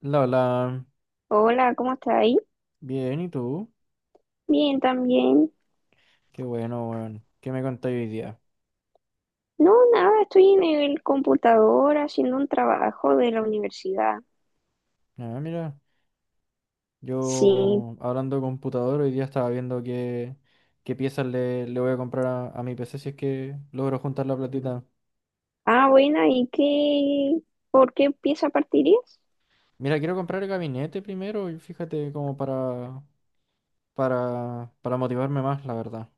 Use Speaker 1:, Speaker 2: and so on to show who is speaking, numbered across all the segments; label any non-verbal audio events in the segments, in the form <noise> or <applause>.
Speaker 1: La, la,
Speaker 2: Hola, ¿cómo estás ahí?
Speaker 1: Bien, ¿y tú?
Speaker 2: Bien, también.
Speaker 1: Qué bueno, weón. ¿Qué me contáis hoy día?
Speaker 2: No, nada, estoy en el computador haciendo un trabajo de la universidad.
Speaker 1: Ah, mira,
Speaker 2: Sí.
Speaker 1: yo hablando de computador, hoy día estaba viendo qué piezas le voy a comprar a mi PC si es que logro juntar la platita.
Speaker 2: Ah, bueno, ¿y qué? ¿Por qué pieza partirías?
Speaker 1: Mira, quiero comprar el gabinete primero y fíjate como para motivarme más, la verdad.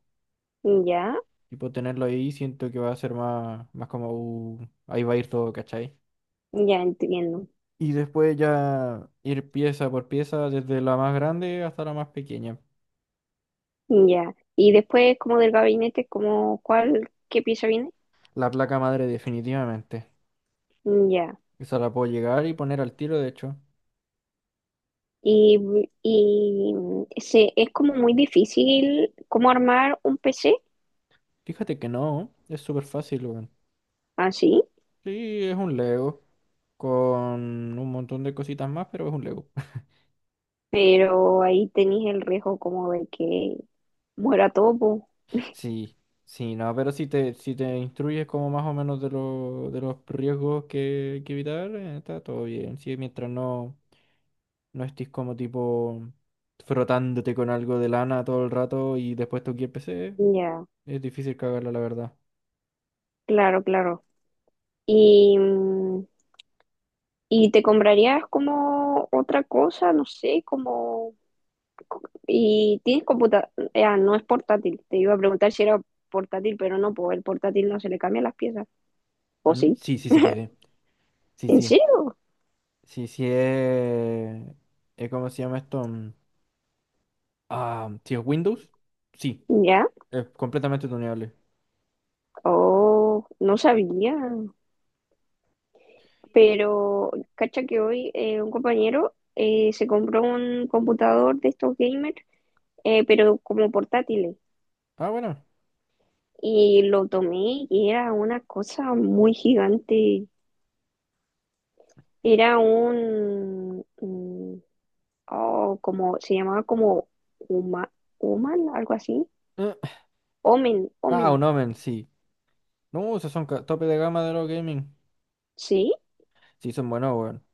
Speaker 2: Ya,
Speaker 1: Y por tenerlo ahí siento que va a ser más como, ahí va a ir todo, ¿cachai?
Speaker 2: ya entiendo.
Speaker 1: Y después ya ir pieza por pieza, desde la más grande hasta la más pequeña.
Speaker 2: Ya. Y después, como del gabinete, como cuál, ¿qué pieza viene?
Speaker 1: La placa madre definitivamente.
Speaker 2: Ya.
Speaker 1: Esa la puedo llegar y poner al tiro, de hecho.
Speaker 2: Y, y es como muy difícil como armar un PC
Speaker 1: Fíjate que no, es súper fácil, weón.
Speaker 2: así,
Speaker 1: Sí, es un Lego. Con un montón de cositas más, pero es un Lego. <laughs>
Speaker 2: pero ahí tenéis el riesgo como de que muera todo, po.
Speaker 1: Sí, sí, no, pero si te instruyes como más o menos de los riesgos que hay que evitar, está todo bien. Sí, mientras no estés como tipo frotándote con algo de lana todo el rato y después toqué el PC,
Speaker 2: Ya,
Speaker 1: es difícil cagarla, la verdad.
Speaker 2: claro, claro. Y, mm, y te comprarías como otra cosa, no sé, como... Y tienes computadora, ah, no es portátil. Te iba a preguntar si era portátil, pero no, pues el portátil no se le cambian las piezas. ¿O
Speaker 1: Mm.
Speaker 2: sí?
Speaker 1: Sí, sí se puede. Sí,
Speaker 2: ¿En
Speaker 1: sí,
Speaker 2: serio?
Speaker 1: sí, sí. ¿Cómo se llama esto? Ah, sí, es Windows. Sí,
Speaker 2: Ya.
Speaker 1: es completamente tuneable.
Speaker 2: Oh, no sabía. Pero cacha que hoy un compañero se compró un computador de estos gamers, pero como portátil.
Speaker 1: Ah, bueno.
Speaker 2: Y lo tomé y era una cosa muy gigante. Era un, oh, como, se llamaba como Uma, Uman, algo así.
Speaker 1: Eh,
Speaker 2: Omen,
Speaker 1: Ah,
Speaker 2: Omen.
Speaker 1: un Omen, sí. No, esos son tope de gama de los gaming.
Speaker 2: Sí,
Speaker 1: Sí, son buenos, weón.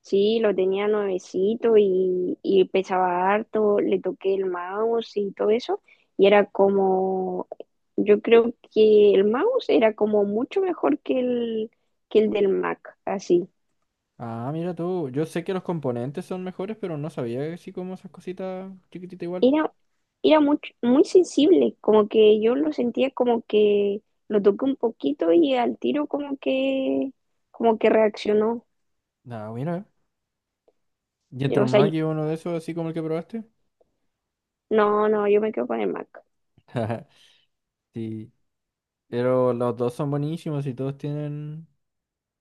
Speaker 2: sí, lo tenía nuevecito y pesaba harto. Le toqué el mouse y todo eso. Y era como, yo creo que el mouse era como mucho mejor que que el del Mac, así.
Speaker 1: Ah, mira tú. Yo sé que los componentes son mejores, pero no sabía que así como esas cositas chiquititas igual.
Speaker 2: era, Era mucho, muy sensible, como que yo lo sentía como que lo toqué un poquito y al tiro como que reaccionó.
Speaker 1: Ah, mira. ¿Y
Speaker 2: Yo,
Speaker 1: entró
Speaker 2: o
Speaker 1: un
Speaker 2: sea,
Speaker 1: Mac
Speaker 2: yo-
Speaker 1: y uno de esos, así como el que probaste?
Speaker 2: no, no, yo me quedo con el Mac.
Speaker 1: <laughs> Sí, pero los dos son buenísimos y todos tienen,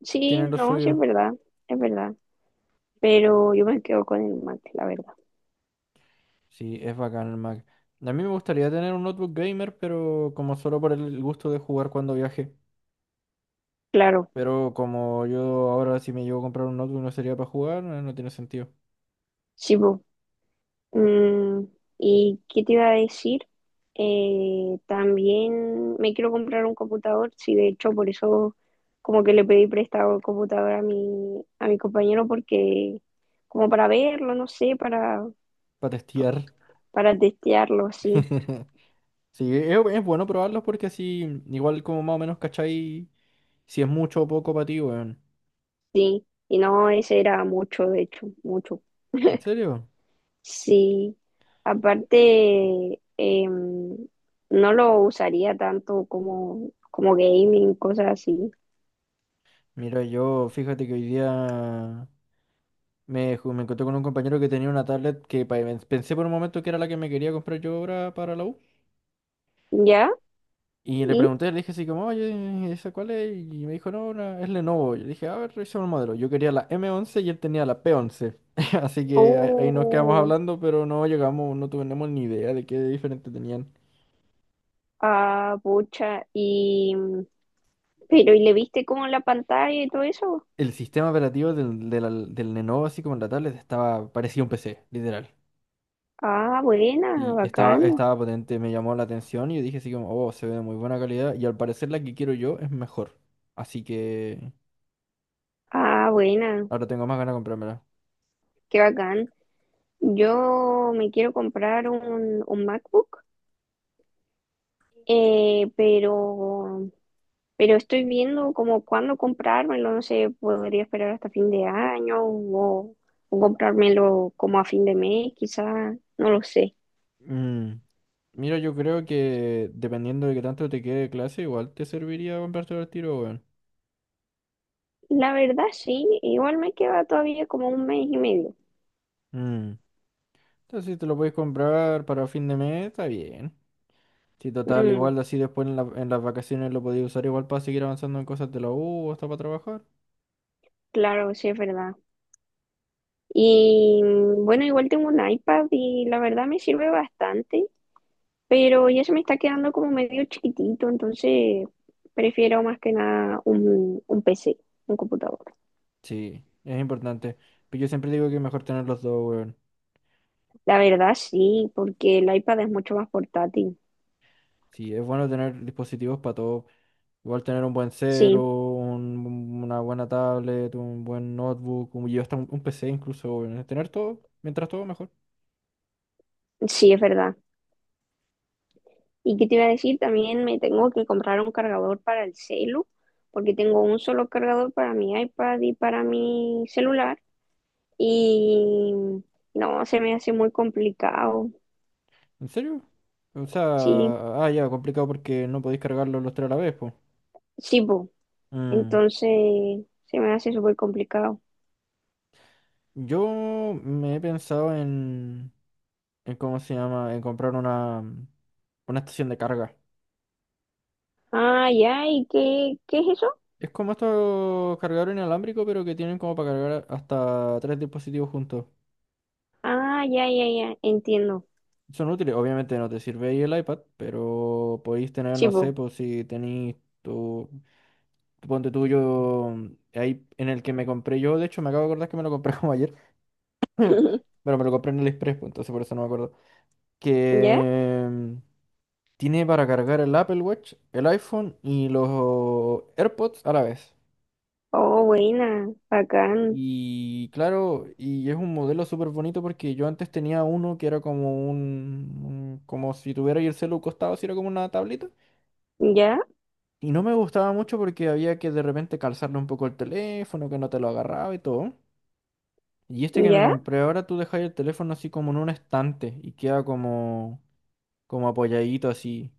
Speaker 2: Sí,
Speaker 1: tienen lo
Speaker 2: no, sí
Speaker 1: suyo.
Speaker 2: es verdad, pero yo me quedo con el Mac, la verdad.
Speaker 1: Sí, es bacán el Mac. A mí me gustaría tener un notebook gamer, pero como solo por el gusto de jugar cuando viaje.
Speaker 2: Claro,
Speaker 1: Pero como yo ahora si me llevo a comprar un notebook no sería para jugar, no, no tiene sentido.
Speaker 2: sí, po. Mm, ¿Y qué te iba a decir? También me quiero comprar un computador, sí, de hecho por eso como que le pedí prestado el computador a a mi compañero porque como para verlo, no sé,
Speaker 1: Para testear.
Speaker 2: para testearlo, sí,
Speaker 1: <laughs> Sí, es bueno probarlos porque así, igual como más o menos cachai si es mucho o poco para ti, weón.
Speaker 2: sí. Y no, ese era mucho, de hecho, mucho.
Speaker 1: ¿En serio?
Speaker 2: Sí, aparte, no lo usaría tanto como, como gaming, cosas así.
Speaker 1: Mira, yo fíjate que hoy día me encontré con un compañero que tenía una tablet que pensé por un momento que era la que me quería comprar yo ahora para la U.
Speaker 2: ¿Ya?
Speaker 1: Y le
Speaker 2: ¿Y?
Speaker 1: pregunté, le dije así como, oye, ¿esa cuál es? Y me dijo, no, es Lenovo. Yo le dije, a ver, revisemos el modelo. Yo quería la M11 y él tenía la P11. <laughs> Así que ahí nos quedamos
Speaker 2: Oh,
Speaker 1: hablando, pero no llegamos, no tuvimos ni idea de qué diferente tenían.
Speaker 2: ah, pucha. Y, pero, ¿y le viste como la pantalla y todo eso?
Speaker 1: El sistema operativo del Lenovo, así como en la tablet, estaba, parecía un PC, literal.
Speaker 2: Ah, buena,
Speaker 1: Y estaba,
Speaker 2: bacán.
Speaker 1: estaba potente, me llamó la atención y yo dije así como, oh, se ve de muy buena calidad y al parecer la que quiero yo es mejor. Así que
Speaker 2: Ah, buena,
Speaker 1: ahora tengo más ganas de comprármela.
Speaker 2: qué bacán. Yo me quiero comprar un MacBook, eh, pero, pero estoy viendo como cuándo comprármelo. No sé, podría esperar hasta fin de año o comprármelo como a fin de mes, quizás, no lo sé.
Speaker 1: Mm, Mira, yo creo que dependiendo de qué tanto te quede de clase, igual te serviría comprarte al tiro, weón.
Speaker 2: La verdad sí, igual me queda todavía como un mes y medio.
Speaker 1: Mm. Entonces, si te lo puedes comprar para fin de mes, está bien. Si total,
Speaker 2: Mm.
Speaker 1: igual así después en las vacaciones lo podías usar igual para seguir avanzando en cosas de la U o hasta para trabajar.
Speaker 2: Claro, sí, es verdad. Bueno, igual tengo un iPad y la verdad me sirve bastante, pero ya se me está quedando como medio chiquitito, entonces prefiero más que nada un PC, un computador.
Speaker 1: Sí, es importante. Pero yo siempre digo que es mejor tener los dos, weón.
Speaker 2: La verdad sí, porque el iPad es mucho más portátil.
Speaker 1: Sí, es bueno tener dispositivos para todo. Igual tener un buen celo,
Speaker 2: Sí,
Speaker 1: una buena tablet, un buen notebook, y hasta un PC incluso, weón. Tener todo, mientras todo mejor.
Speaker 2: sí, es verdad. ¿Y qué te iba a decir? También me tengo que comprar un cargador para el celu, porque tengo un solo cargador para mi iPad y para mi celular. Y no, se me hace muy complicado.
Speaker 1: ¿En serio? O sea,
Speaker 2: Sí,
Speaker 1: ah, ya, complicado porque no podéis cargarlo los tres a la vez, pues.
Speaker 2: sí, bu.
Speaker 1: Mm.
Speaker 2: Entonces se me hace súper complicado.
Speaker 1: Yo me he pensado en, ¿cómo se llama? En comprar una estación de carga.
Speaker 2: Ah, ya, ¿qué es eso?
Speaker 1: Es como estos cargadores inalámbricos, pero que tienen como para cargar hasta tres dispositivos juntos.
Speaker 2: Ah, ya, ya, entiendo.
Speaker 1: Son útiles, obviamente no te sirve ahí el iPad, pero podéis tener,
Speaker 2: Sí,
Speaker 1: no sé,
Speaker 2: bu.
Speaker 1: pues si tenéis tu, ponte tuyo ahí en el que me compré yo, de hecho me acabo de acordar que me lo compré <laughs> como ayer,
Speaker 2: <laughs>
Speaker 1: pero me lo compré en el Express, pues entonces por eso no me acuerdo,
Speaker 2: ¿Ya?
Speaker 1: que tiene para cargar el Apple Watch, el iPhone y los AirPods a la vez.
Speaker 2: Oh, buena, bacán.
Speaker 1: Y claro, y es un modelo súper bonito porque yo antes tenía uno que era como un como si tuviera ahí el celu costado, si era como una tablita.
Speaker 2: ¿Ya?
Speaker 1: Y no me gustaba mucho porque había que de repente calzarle un poco el teléfono, que no te lo agarraba y todo. Y este que me
Speaker 2: ¿Ya?
Speaker 1: compré ahora, tú dejas el teléfono así como en un estante y queda como apoyadito así.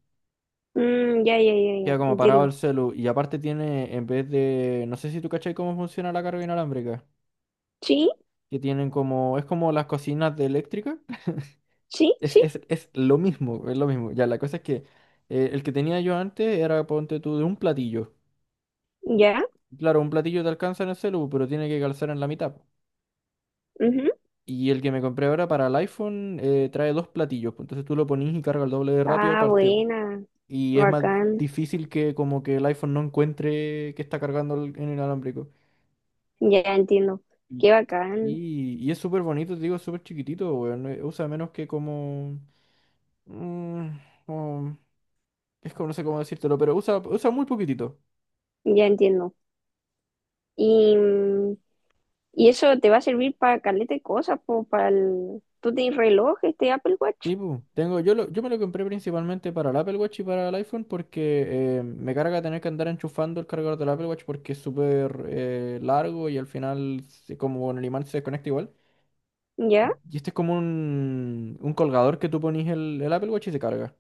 Speaker 2: Mm, ya,
Speaker 1: Queda como parado el
Speaker 2: entiendo.
Speaker 1: celu. Y aparte tiene, en vez de, no sé si tú cachai cómo funciona la carga inalámbrica.
Speaker 2: Sí,
Speaker 1: Que tienen como, es como las cocinas de eléctrica. <laughs>
Speaker 2: sí,
Speaker 1: Es,
Speaker 2: sí,
Speaker 1: es, es lo mismo, es lo mismo. Ya, la cosa es que el que tenía yo antes era, ponte tú, de un platillo.
Speaker 2: ya.
Speaker 1: Claro, un platillo te alcanza en el celu, pero tiene que calzar en la mitad.
Speaker 2: Ujú.
Speaker 1: Y el que me compré ahora para el iPhone trae dos platillos, pues, entonces tú lo ponís y carga el doble de rápido
Speaker 2: Ah,
Speaker 1: aparte.
Speaker 2: buena,
Speaker 1: Y es más
Speaker 2: bacán.
Speaker 1: difícil que como que el iPhone no encuentre que está cargando en el inalámbrico.
Speaker 2: Ya entiendo.
Speaker 1: Y,
Speaker 2: Qué bacán,
Speaker 1: y es súper bonito, te digo, es súper chiquitito, weón. Usa menos que como mm, como- es como, no sé cómo decírtelo, pero usa muy poquitito.
Speaker 2: ya entiendo. ¿Y y eso te va a servir para caleta de cosas, po, para el... Tú tienes reloj, este Apple Watch,
Speaker 1: Sí, pu, tengo, yo me lo compré principalmente para el Apple Watch y para el iPhone porque me carga tener que andar enchufando el cargador del Apple Watch porque es súper largo y al final como con el imán se desconecta igual.
Speaker 2: ¿ya?
Speaker 1: Y este es como un colgador que tú ponís el Apple Watch y se carga.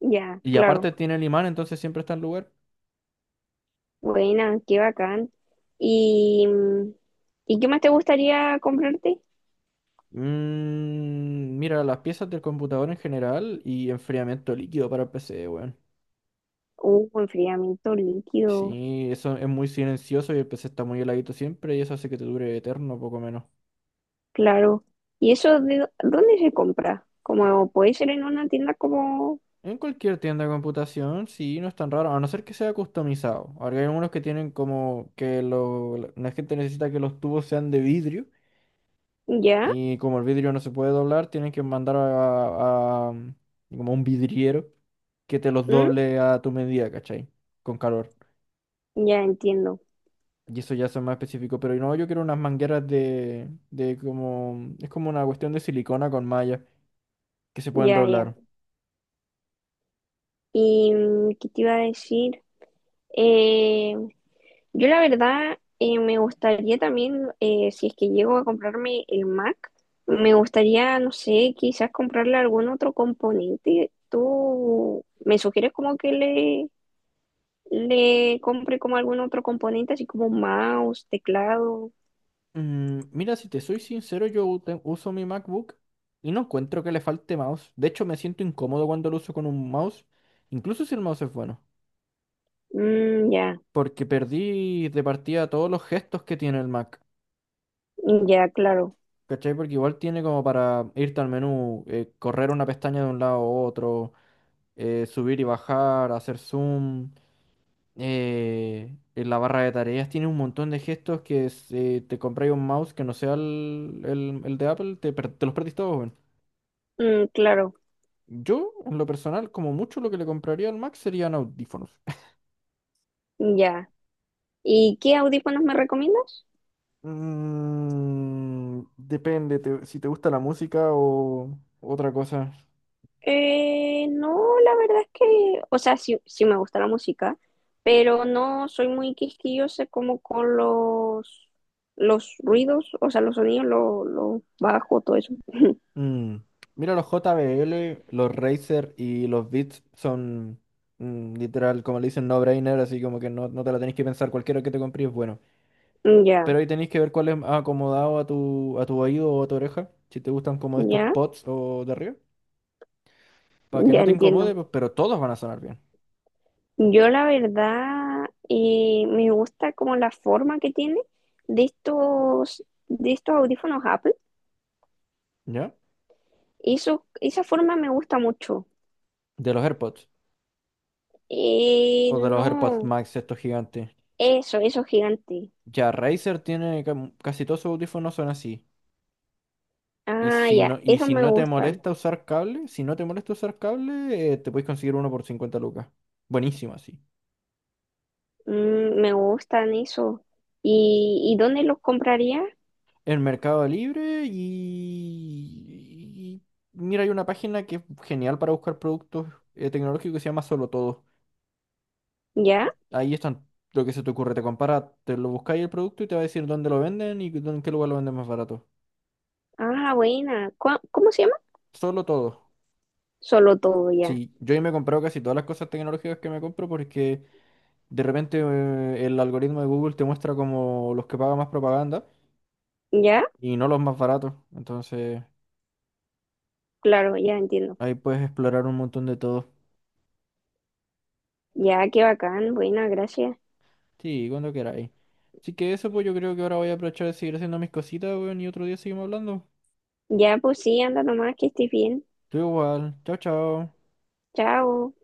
Speaker 2: Ya,
Speaker 1: Y aparte
Speaker 2: claro.
Speaker 1: tiene el imán, entonces siempre está en lugar.
Speaker 2: Buena, qué bacán. ¿Y, mm, ¿Y qué más te gustaría comprarte?
Speaker 1: Mira, las piezas del computador en general y enfriamiento líquido para el PC, weón.
Speaker 2: Enfriamiento líquido,
Speaker 1: Sí, eso es muy silencioso y el PC está muy heladito siempre y eso hace que te dure eterno, poco menos.
Speaker 2: claro. ¿Y eso de dónde se compra? Como puede ser en una tienda como...
Speaker 1: En cualquier tienda de computación, sí, no es tan raro, a no ser que sea customizado. Ahora hay algunos que tienen como que lo, la la gente necesita que los tubos sean de vidrio
Speaker 2: ¿Ya?
Speaker 1: y como el vidrio no se puede doblar, tienen que mandar como un vidriero que te los
Speaker 2: ¿Mm?
Speaker 1: doble a tu medida, ¿cachai? Con calor.
Speaker 2: Ya entiendo.
Speaker 1: Y eso ya son más específico, pero no, yo quiero unas mangueras de como, es como una cuestión de silicona con malla que se pueden
Speaker 2: Ya, ya.
Speaker 1: doblar.
Speaker 2: ¿Qué te iba a decir? Eh, Yo la verdad me gustaría también, si es que llego a comprarme el Mac, me gustaría, no sé, quizás comprarle algún otro componente. ¿Tú me sugieres como que le compre como algún otro componente, así como mouse, teclado?
Speaker 1: Mira, si te soy sincero, yo uso mi MacBook y no encuentro que le falte mouse. De hecho, me siento incómodo cuando lo uso con un mouse, incluso si el mouse es bueno.
Speaker 2: Mm, ya,
Speaker 1: Porque perdí de partida todos los gestos que tiene el Mac.
Speaker 2: ya, claro.
Speaker 1: ¿Cachai? Porque igual tiene como para irte al menú, correr una pestaña de un lado a otro, subir y bajar, hacer zoom. En la barra de tareas tiene un montón de gestos que si te compráis un mouse que no sea el de Apple, te los perdís todos, weón.
Speaker 2: Mm, claro,
Speaker 1: Yo, en lo personal, como mucho lo que le compraría al Max serían audífonos. <laughs>
Speaker 2: ya. ¿Y qué audífonos me recomiendas?
Speaker 1: Depende si te gusta la música o otra cosa.
Speaker 2: No, la verdad es que, o sea, sí me gusta la música, pero no soy muy quisquillosa como con los ruidos, o sea, los sonidos, los lo bajos, todo eso.
Speaker 1: Mm, Mira, los JBL, los Razer y los Beats son literal, como le dicen, no-brainer, así como que no te la tenés que pensar, cualquiera que te compres es bueno. Pero
Speaker 2: Ya,
Speaker 1: ahí tenés que ver cuál es más acomodado a tu oído o a tu oreja, si te gustan como estos
Speaker 2: ya,
Speaker 1: pods o de arriba, para que
Speaker 2: ya
Speaker 1: no te incomode,
Speaker 2: entiendo.
Speaker 1: pues, pero todos van a sonar bien,
Speaker 2: Yo la verdad me gusta como la forma que tiene de estos audífonos Apple.
Speaker 1: ¿ya?
Speaker 2: Eso, esa forma me gusta mucho.
Speaker 1: De los AirPods. O de los AirPods
Speaker 2: No,
Speaker 1: Max, estos gigantes.
Speaker 2: eso, eso gigante.
Speaker 1: Ya Razer tiene casi todos sus audífonos son así. Y
Speaker 2: Ah,
Speaker 1: si
Speaker 2: ya,
Speaker 1: no, y
Speaker 2: esos
Speaker 1: si
Speaker 2: me
Speaker 1: no te
Speaker 2: gustan.
Speaker 1: molesta usar cable, te puedes conseguir uno por 50 lucas. Buenísimo así.
Speaker 2: Mm, me gustan eso. Y dónde los compraría?
Speaker 1: En Mercado Libre. Mira, hay una página que es genial para buscar productos tecnológicos que se llama Solo Todo.
Speaker 2: ¿Ya?
Speaker 1: Ahí están lo que se te ocurre. Te compara, te lo buscáis el producto y te va a decir dónde lo venden y en qué lugar lo venden más barato.
Speaker 2: Ah, buena. ¿Cómo se llama?
Speaker 1: Solo Todo.
Speaker 2: Solo todo, ya.
Speaker 1: Sí, yo ya me he comprado casi todas las cosas tecnológicas que me compro porque de repente el algoritmo de Google te muestra como los que pagan más propaganda
Speaker 2: ¿Ya?
Speaker 1: y no los más baratos. Entonces
Speaker 2: Claro, ya entiendo.
Speaker 1: ahí puedes explorar un montón de todo.
Speaker 2: Ya, qué bacán, buena, gracias.
Speaker 1: Sí, cuando queráis. Así que eso pues yo creo que ahora voy a aprovechar de seguir haciendo mis cositas, weón, y otro día seguimos hablando.
Speaker 2: Ya, pues sí, anda nomás, que estés bien.
Speaker 1: Tú igual. Chao, chao.
Speaker 2: Chao.